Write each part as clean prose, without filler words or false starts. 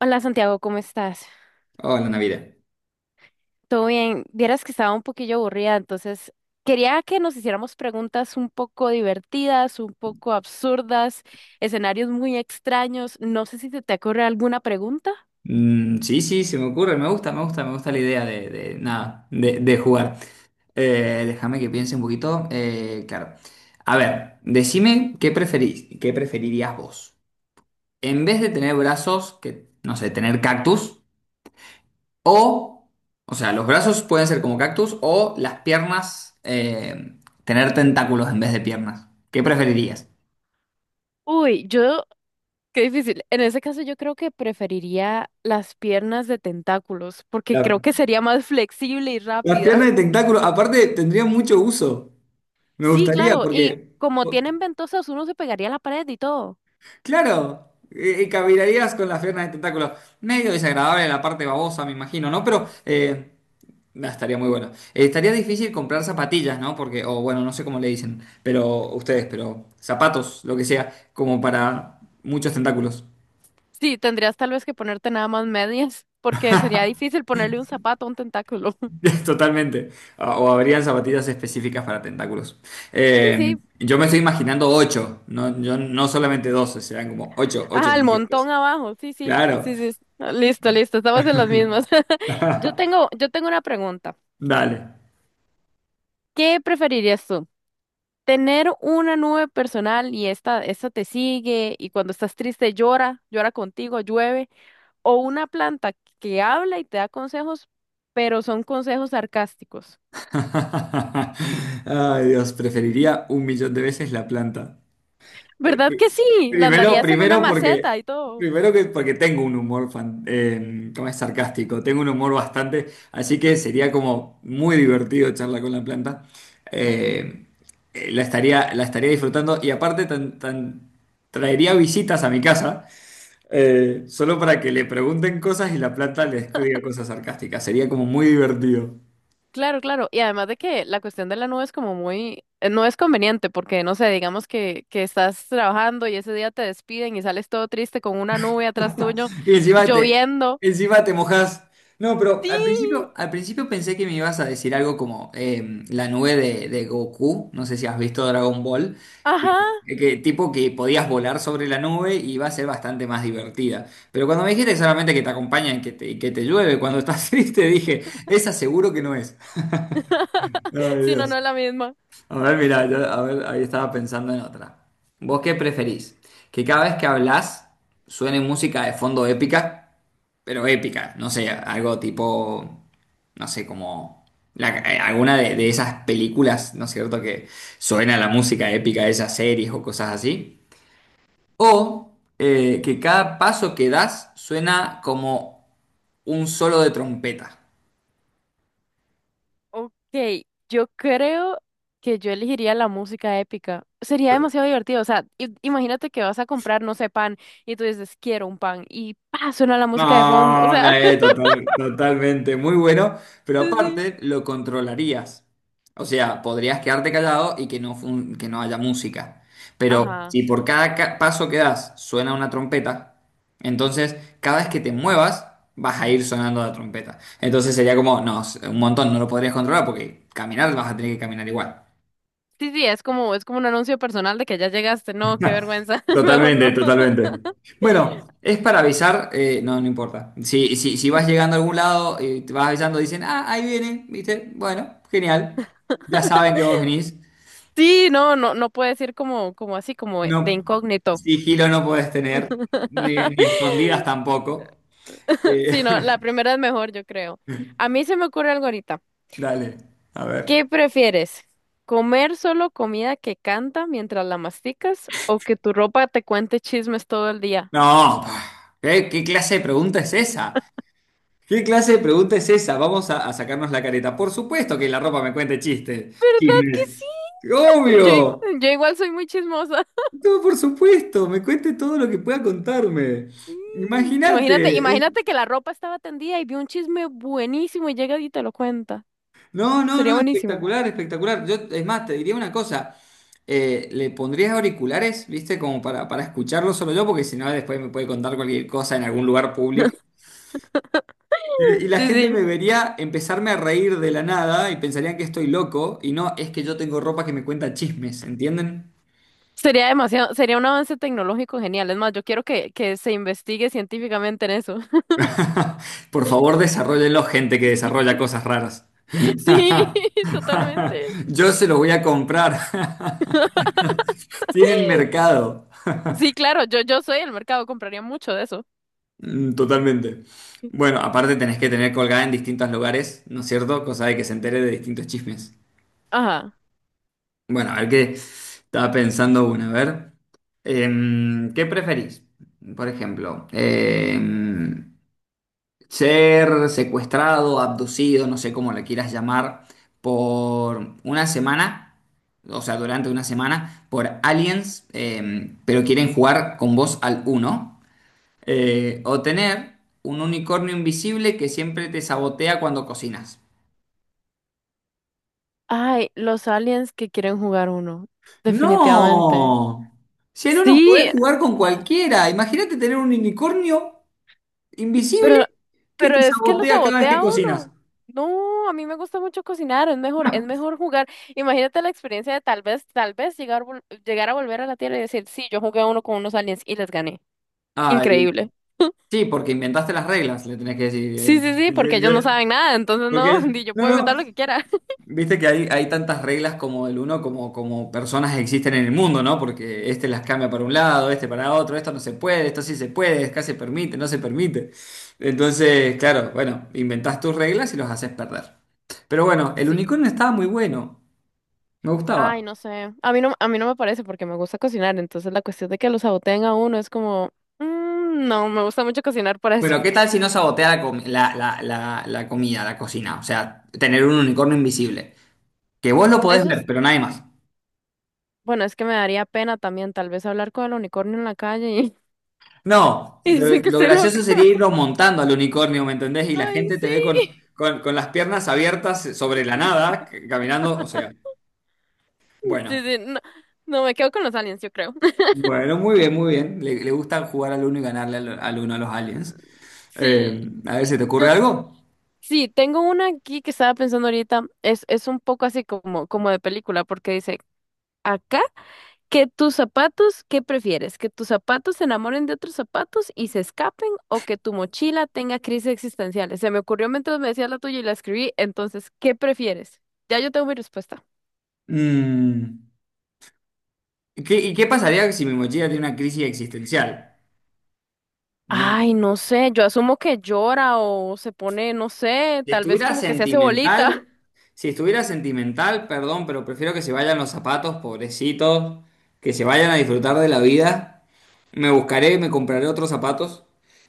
Hola Santiago, ¿cómo estás? Hola, Navidad. ¿Todo bien? Vieras que estaba un poquillo aburrida, entonces quería que nos hiciéramos preguntas un poco divertidas, un poco absurdas, escenarios muy extraños. No sé si se te ocurre alguna pregunta. Sí, sí, se me ocurre. Me gusta, me gusta, me gusta la idea de- nada, de jugar. Déjame que piense un poquito. Claro. A ver, decime qué preferís, qué preferirías vos. En vez de tener brazos, que, no sé, tener cactus, o, o sea, los brazos pueden ser como cactus, o las piernas, tener tentáculos en vez de piernas. ¿Qué preferirías? Uy, yo qué difícil. En ese caso yo creo que preferiría las piernas de tentáculos, porque creo La- que sería más flexible y Las piernas de rápida. tentáculo, aparte, tendrían mucho uso. Me Sí, gustaría claro, y porque, como tienen ventosas, uno se pegaría a la pared y todo. Claro, caminarías con las piernas de tentáculo. Medio desagradable la parte babosa, me imagino, ¿no? Pero nah, estaría muy bueno. Estaría difícil comprar zapatillas, ¿no? Porque, o bueno, no sé cómo le dicen, pero ustedes, pero zapatos, lo que sea, como para muchos tentáculos. Sí, tendrías tal vez que ponerte nada más medias, porque sería difícil ponerle un zapato a un tentáculo. Totalmente. Ah, o habrían zapatillas específicas para tentáculos. Sí, sí. Yo me estoy imaginando ocho, no, yo, no solamente 12, serán como ocho, ocho Ah, el tentáculos. montón abajo. Sí, sí. Claro, Sí, sí. Ah, listo, listo. Estamos en las mismas. Yo tengo una pregunta. dale. ¿Qué preferirías tú? Tener una nube personal y esta te sigue y cuando estás triste llora, llora contigo, llueve, o una planta que habla y te da consejos, pero son consejos sarcásticos. Ay, Dios, preferiría un millón de veces la planta. Eh, ¿Verdad pri- que sí? La Primero, andarías en una primero maceta porque, y todo. primero que porque tengo un humor ¿cómo es? Sarcástico, tengo un humor bastante, así que sería como muy divertido charlar con la planta. Eh, la estaría disfrutando y aparte traería visitas a mi casa solo para que le pregunten cosas y la planta les diga cosas sarcásticas. Sería como muy divertido. Claro, claro. Y además de que la cuestión de la nube es como muy, no es conveniente porque, no sé, digamos que estás trabajando y ese día te despiden y sales todo triste con una nube atrás tuyo, Y encima te, lloviendo. encima te mojás. No, pero Sí, al principio pensé que me ibas a decir algo como la nube de Goku. No sé si has visto Dragon Ball. ajá. Que tipo que podías volar sobre la nube y iba a ser bastante más divertida. Pero cuando me dijiste solamente que te acompañan y que te llueve cuando estás triste, dije, esa seguro que no es. Ay, Si no, no Dios. es la misma. A ver, mira, a ver, ahí estaba pensando en otra. ¿Vos qué preferís? ¿Que cada vez que hablas suene música de fondo épica? Pero épica, no sé, algo tipo, no sé, como alguna de esas películas, ¿no es cierto?, que suena la música épica de esas series o cosas así. O que cada paso que das suena como un solo de trompeta. Ok, yo creo que yo elegiría la música épica. Sería demasiado divertido. O sea, imagínate que vas a comprar, no sé, pan y tú dices, quiero un pan y ¡pa! Suena la música de fondo. O No, no, sea, totalmente, muy bueno, pero sí, sí. aparte lo controlarías. O sea, podrías quedarte callado y que no, que no haya música. Pero Ajá. si por cada paso que das suena una trompeta, entonces cada vez que te muevas vas a ir sonando la trompeta. Entonces sería como, no, un montón, no lo podrías controlar porque caminar vas a tener que caminar igual. Sí, sí, es como un anuncio personal de que ya llegaste. No, qué vergüenza. Mejor Totalmente, no. totalmente. Bueno, es para avisar, no, no importa. Si, si, si vas llegando a algún lado y te vas avisando, dicen, ah, ahí viene, ¿viste? Bueno, genial. Ya saben que vos venís. Sí, no, no, no puedes ir como así, como de No, incógnito. sigilo no podés tener, ni, ni escondidas tampoco. Eh, Sí, no, la primera es mejor, yo creo. A mí se me ocurre algo ahorita. dale, a ver. ¿Qué prefieres? ¿Comer solo comida que canta mientras la masticas o que tu ropa te cuente chismes todo el día? No, pa, ¿qué, qué clase de pregunta es esa? ¿Qué clase de pregunta es esa? Vamos a sacarnos la careta. Por supuesto que la ropa me cuente chistes, ¿Verdad que sí? chismes. Yo igual, Obvio. yo igual soy muy chismosa. No, por supuesto, me cuente todo lo que pueda contarme. Sí. Imagínate, Imagínate. imagínate que la ropa estaba tendida y vio un chisme buenísimo y llega y te lo cuenta. No, no, Sería no, buenísimo. espectacular, espectacular. Yo, es más, te diría una cosa. Le pondrías auriculares, ¿viste? Como para escucharlo solo yo, porque si no, después me puede contar cualquier cosa en algún lugar público. Y la Sí, gente sí. me vería empezarme a reír de la nada y pensarían que estoy loco. Y no, es que yo tengo ropa que me cuenta chismes, ¿entienden? Sería demasiado, sería un avance tecnológico genial. Es más, yo quiero que se investigue científicamente en eso. Por favor, desarrollenlo, gente que desarrolla cosas raras. Sí, totalmente. Yo se los voy a comprar. Tienen mercado. Sí, claro, yo soy el mercado, compraría mucho de eso. Totalmente. Bueno, aparte tenés que tener colgada en distintos lugares, ¿no es cierto? Cosa de que se entere de distintos chismes. Ajá. Bueno, a ver qué estaba pensando una. A ver. ¿Qué preferís? Por ejemplo, ser secuestrado, abducido, no sé cómo le quieras llamar, por una semana, o sea, durante una semana, por aliens, pero quieren jugar con vos al uno, o tener un unicornio invisible que siempre te sabotea cuando cocinas. Ay, los aliens que quieren jugar uno, definitivamente. ¡No! Si en uno Sí, podés jugar con cualquiera, imagínate tener un unicornio invisible pero, que pero te es que lo sabotea cada vez que sabotea cocinas. uno. No, a mí me gusta mucho cocinar, es mejor, es mejor jugar. Imagínate la experiencia de tal vez llegar, llegar a volver a la Tierra y decir, sí, yo jugué a uno con unos aliens y les gané. Ay, Increíble. sí, porque inventaste las reglas, le tenés que decir. Sí, sí, sí, porque ellos no saben nada, entonces Porque no, ni yo no, puedo inventar no, lo que quiera. viste que hay tantas reglas como el uno como, como personas existen en el mundo, ¿no? Porque este las cambia para un lado, este para otro, esto no se puede, esto sí se puede, acá se permite, no se permite. Entonces, claro, bueno, inventás tus reglas y los haces perder. Pero bueno, el Sí. unicornio estaba muy bueno, me gustaba. Ay, no sé. A mí no me parece porque me gusta cocinar. Entonces la cuestión de que lo saboteen a uno es como, "Mm, no, me gusta mucho cocinar para eso". Bueno, ¿qué tal si no sabotea la comida, la cocina? O sea, tener un unicornio invisible. Que vos lo podés Eso ver, es, pero nadie más. bueno, es que me daría pena también tal vez hablar con el unicornio en la calle y, No, y dicen que lo estoy loca. gracioso sería irlo montando al unicornio, ¿me entendés? Y la Ay, gente te sí. ve con, con las piernas abiertas sobre la nada, caminando, o sea, Sí, bueno, sí, no, no, me quedo con los aliens, yo creo. bueno, muy bien, muy bien. Le gusta jugar al uno y ganarle al, al uno a los aliens. Sí, A ver, ¿se te yo ocurre algo? sí, tengo una aquí que estaba pensando ahorita. Es un poco así como de película porque dice, acá. Que tus zapatos, ¿qué prefieres? ¿Que tus zapatos se enamoren de otros zapatos y se escapen o que tu mochila tenga crisis existenciales? Se me ocurrió mientras me decías la tuya y la escribí, entonces, ¿qué prefieres? Ya yo tengo mi respuesta. Mm, ¿Y qué pasaría si mi mochila tiene una crisis existencial? No, Ay, no sé, yo asumo que llora o se pone, no sé, si tal vez estuviera como que se hace bolita. sentimental, si estuviera sentimental, perdón, pero prefiero que se vayan los zapatos, pobrecitos, que se vayan a disfrutar de la vida. Me buscaré, me compraré otros zapatos.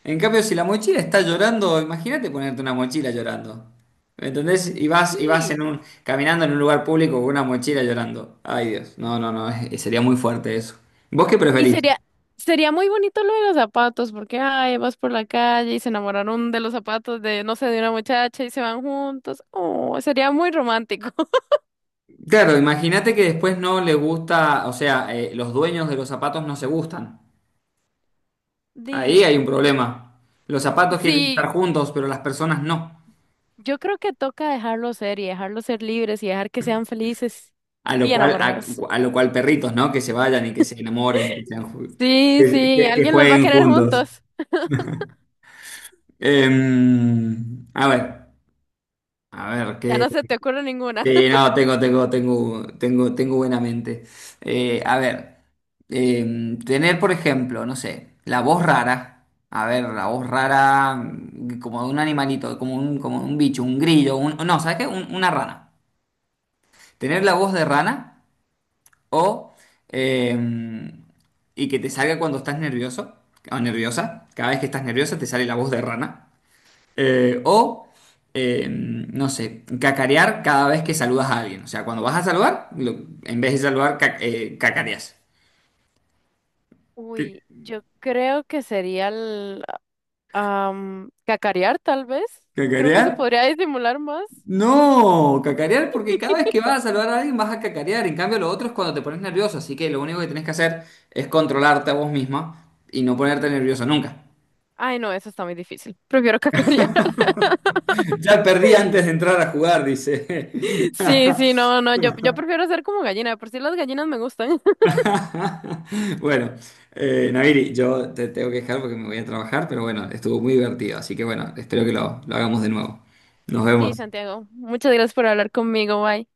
En cambio, si la mochila está llorando, imagínate ponerte una mochila llorando. ¿Me entendés? Y vas en Sí, un, caminando en un lugar público con una mochila llorando. Ay, Dios. No, no, no. Sería muy fuerte eso. ¿Vos qué y preferís? sería muy bonito lo de los zapatos, porque, ay, vas por la calle y se enamoraron de los zapatos de, no sé, de una muchacha y se van juntos. Oh, sería muy romántico. Claro, imagínate que después no le gusta, o sea, los dueños de los zapatos no se gustan. Ahí Di, hay un problema. Los zapatos quieren estar sí, juntos, pero las personas no. yo creo que toca dejarlos ser y dejarlos ser libres y dejar que sean felices A lo y cual, a, enamorados. a lo cual perritos, ¿no? Que se vayan y que se enamoren, que, Sí, sí, que alguien los va a jueguen querer juntos. juntos. Em, a ver, a ver, Ya no se te ocurre ninguna. que no, tengo buena mente. A ver, tener, por ejemplo, no sé, la voz rara. A ver, la voz rara, como de un animalito, como un bicho, un grillo, un, no, ¿sabes qué? Una rana. Tener la voz de rana. O, eh, y que te salga cuando estás nervioso o nerviosa. Cada vez que estás nerviosa te sale la voz de rana. Eh, o, no sé, cacarear cada vez que saludas a alguien. O sea, cuando vas a saludar, en vez de saludar, cacareas. ¿Qué? Uy, yo creo que sería el cacarear, tal vez. Creo que ¿Cacarear? se podría disimular más. No, cacarear porque cada vez que vas a saludar a alguien vas a cacarear. En cambio, lo otro es cuando te pones nervioso. Así que lo único que tenés que hacer es controlarte a vos misma y no ponerte nervioso nunca. Ay, no, eso está muy difícil. Prefiero cacarear. Ya perdí antes de entrar a jugar, dice. Sí, sí, no, no, yo prefiero ser como gallina. De Por si las gallinas me gustan. Bueno, Naviri, yo te tengo que dejar porque me voy a trabajar, pero bueno, estuvo muy divertido, así que bueno, espero que lo hagamos de nuevo. Nos Sí, vemos. Santiago, muchas gracias por hablar conmigo. Bye.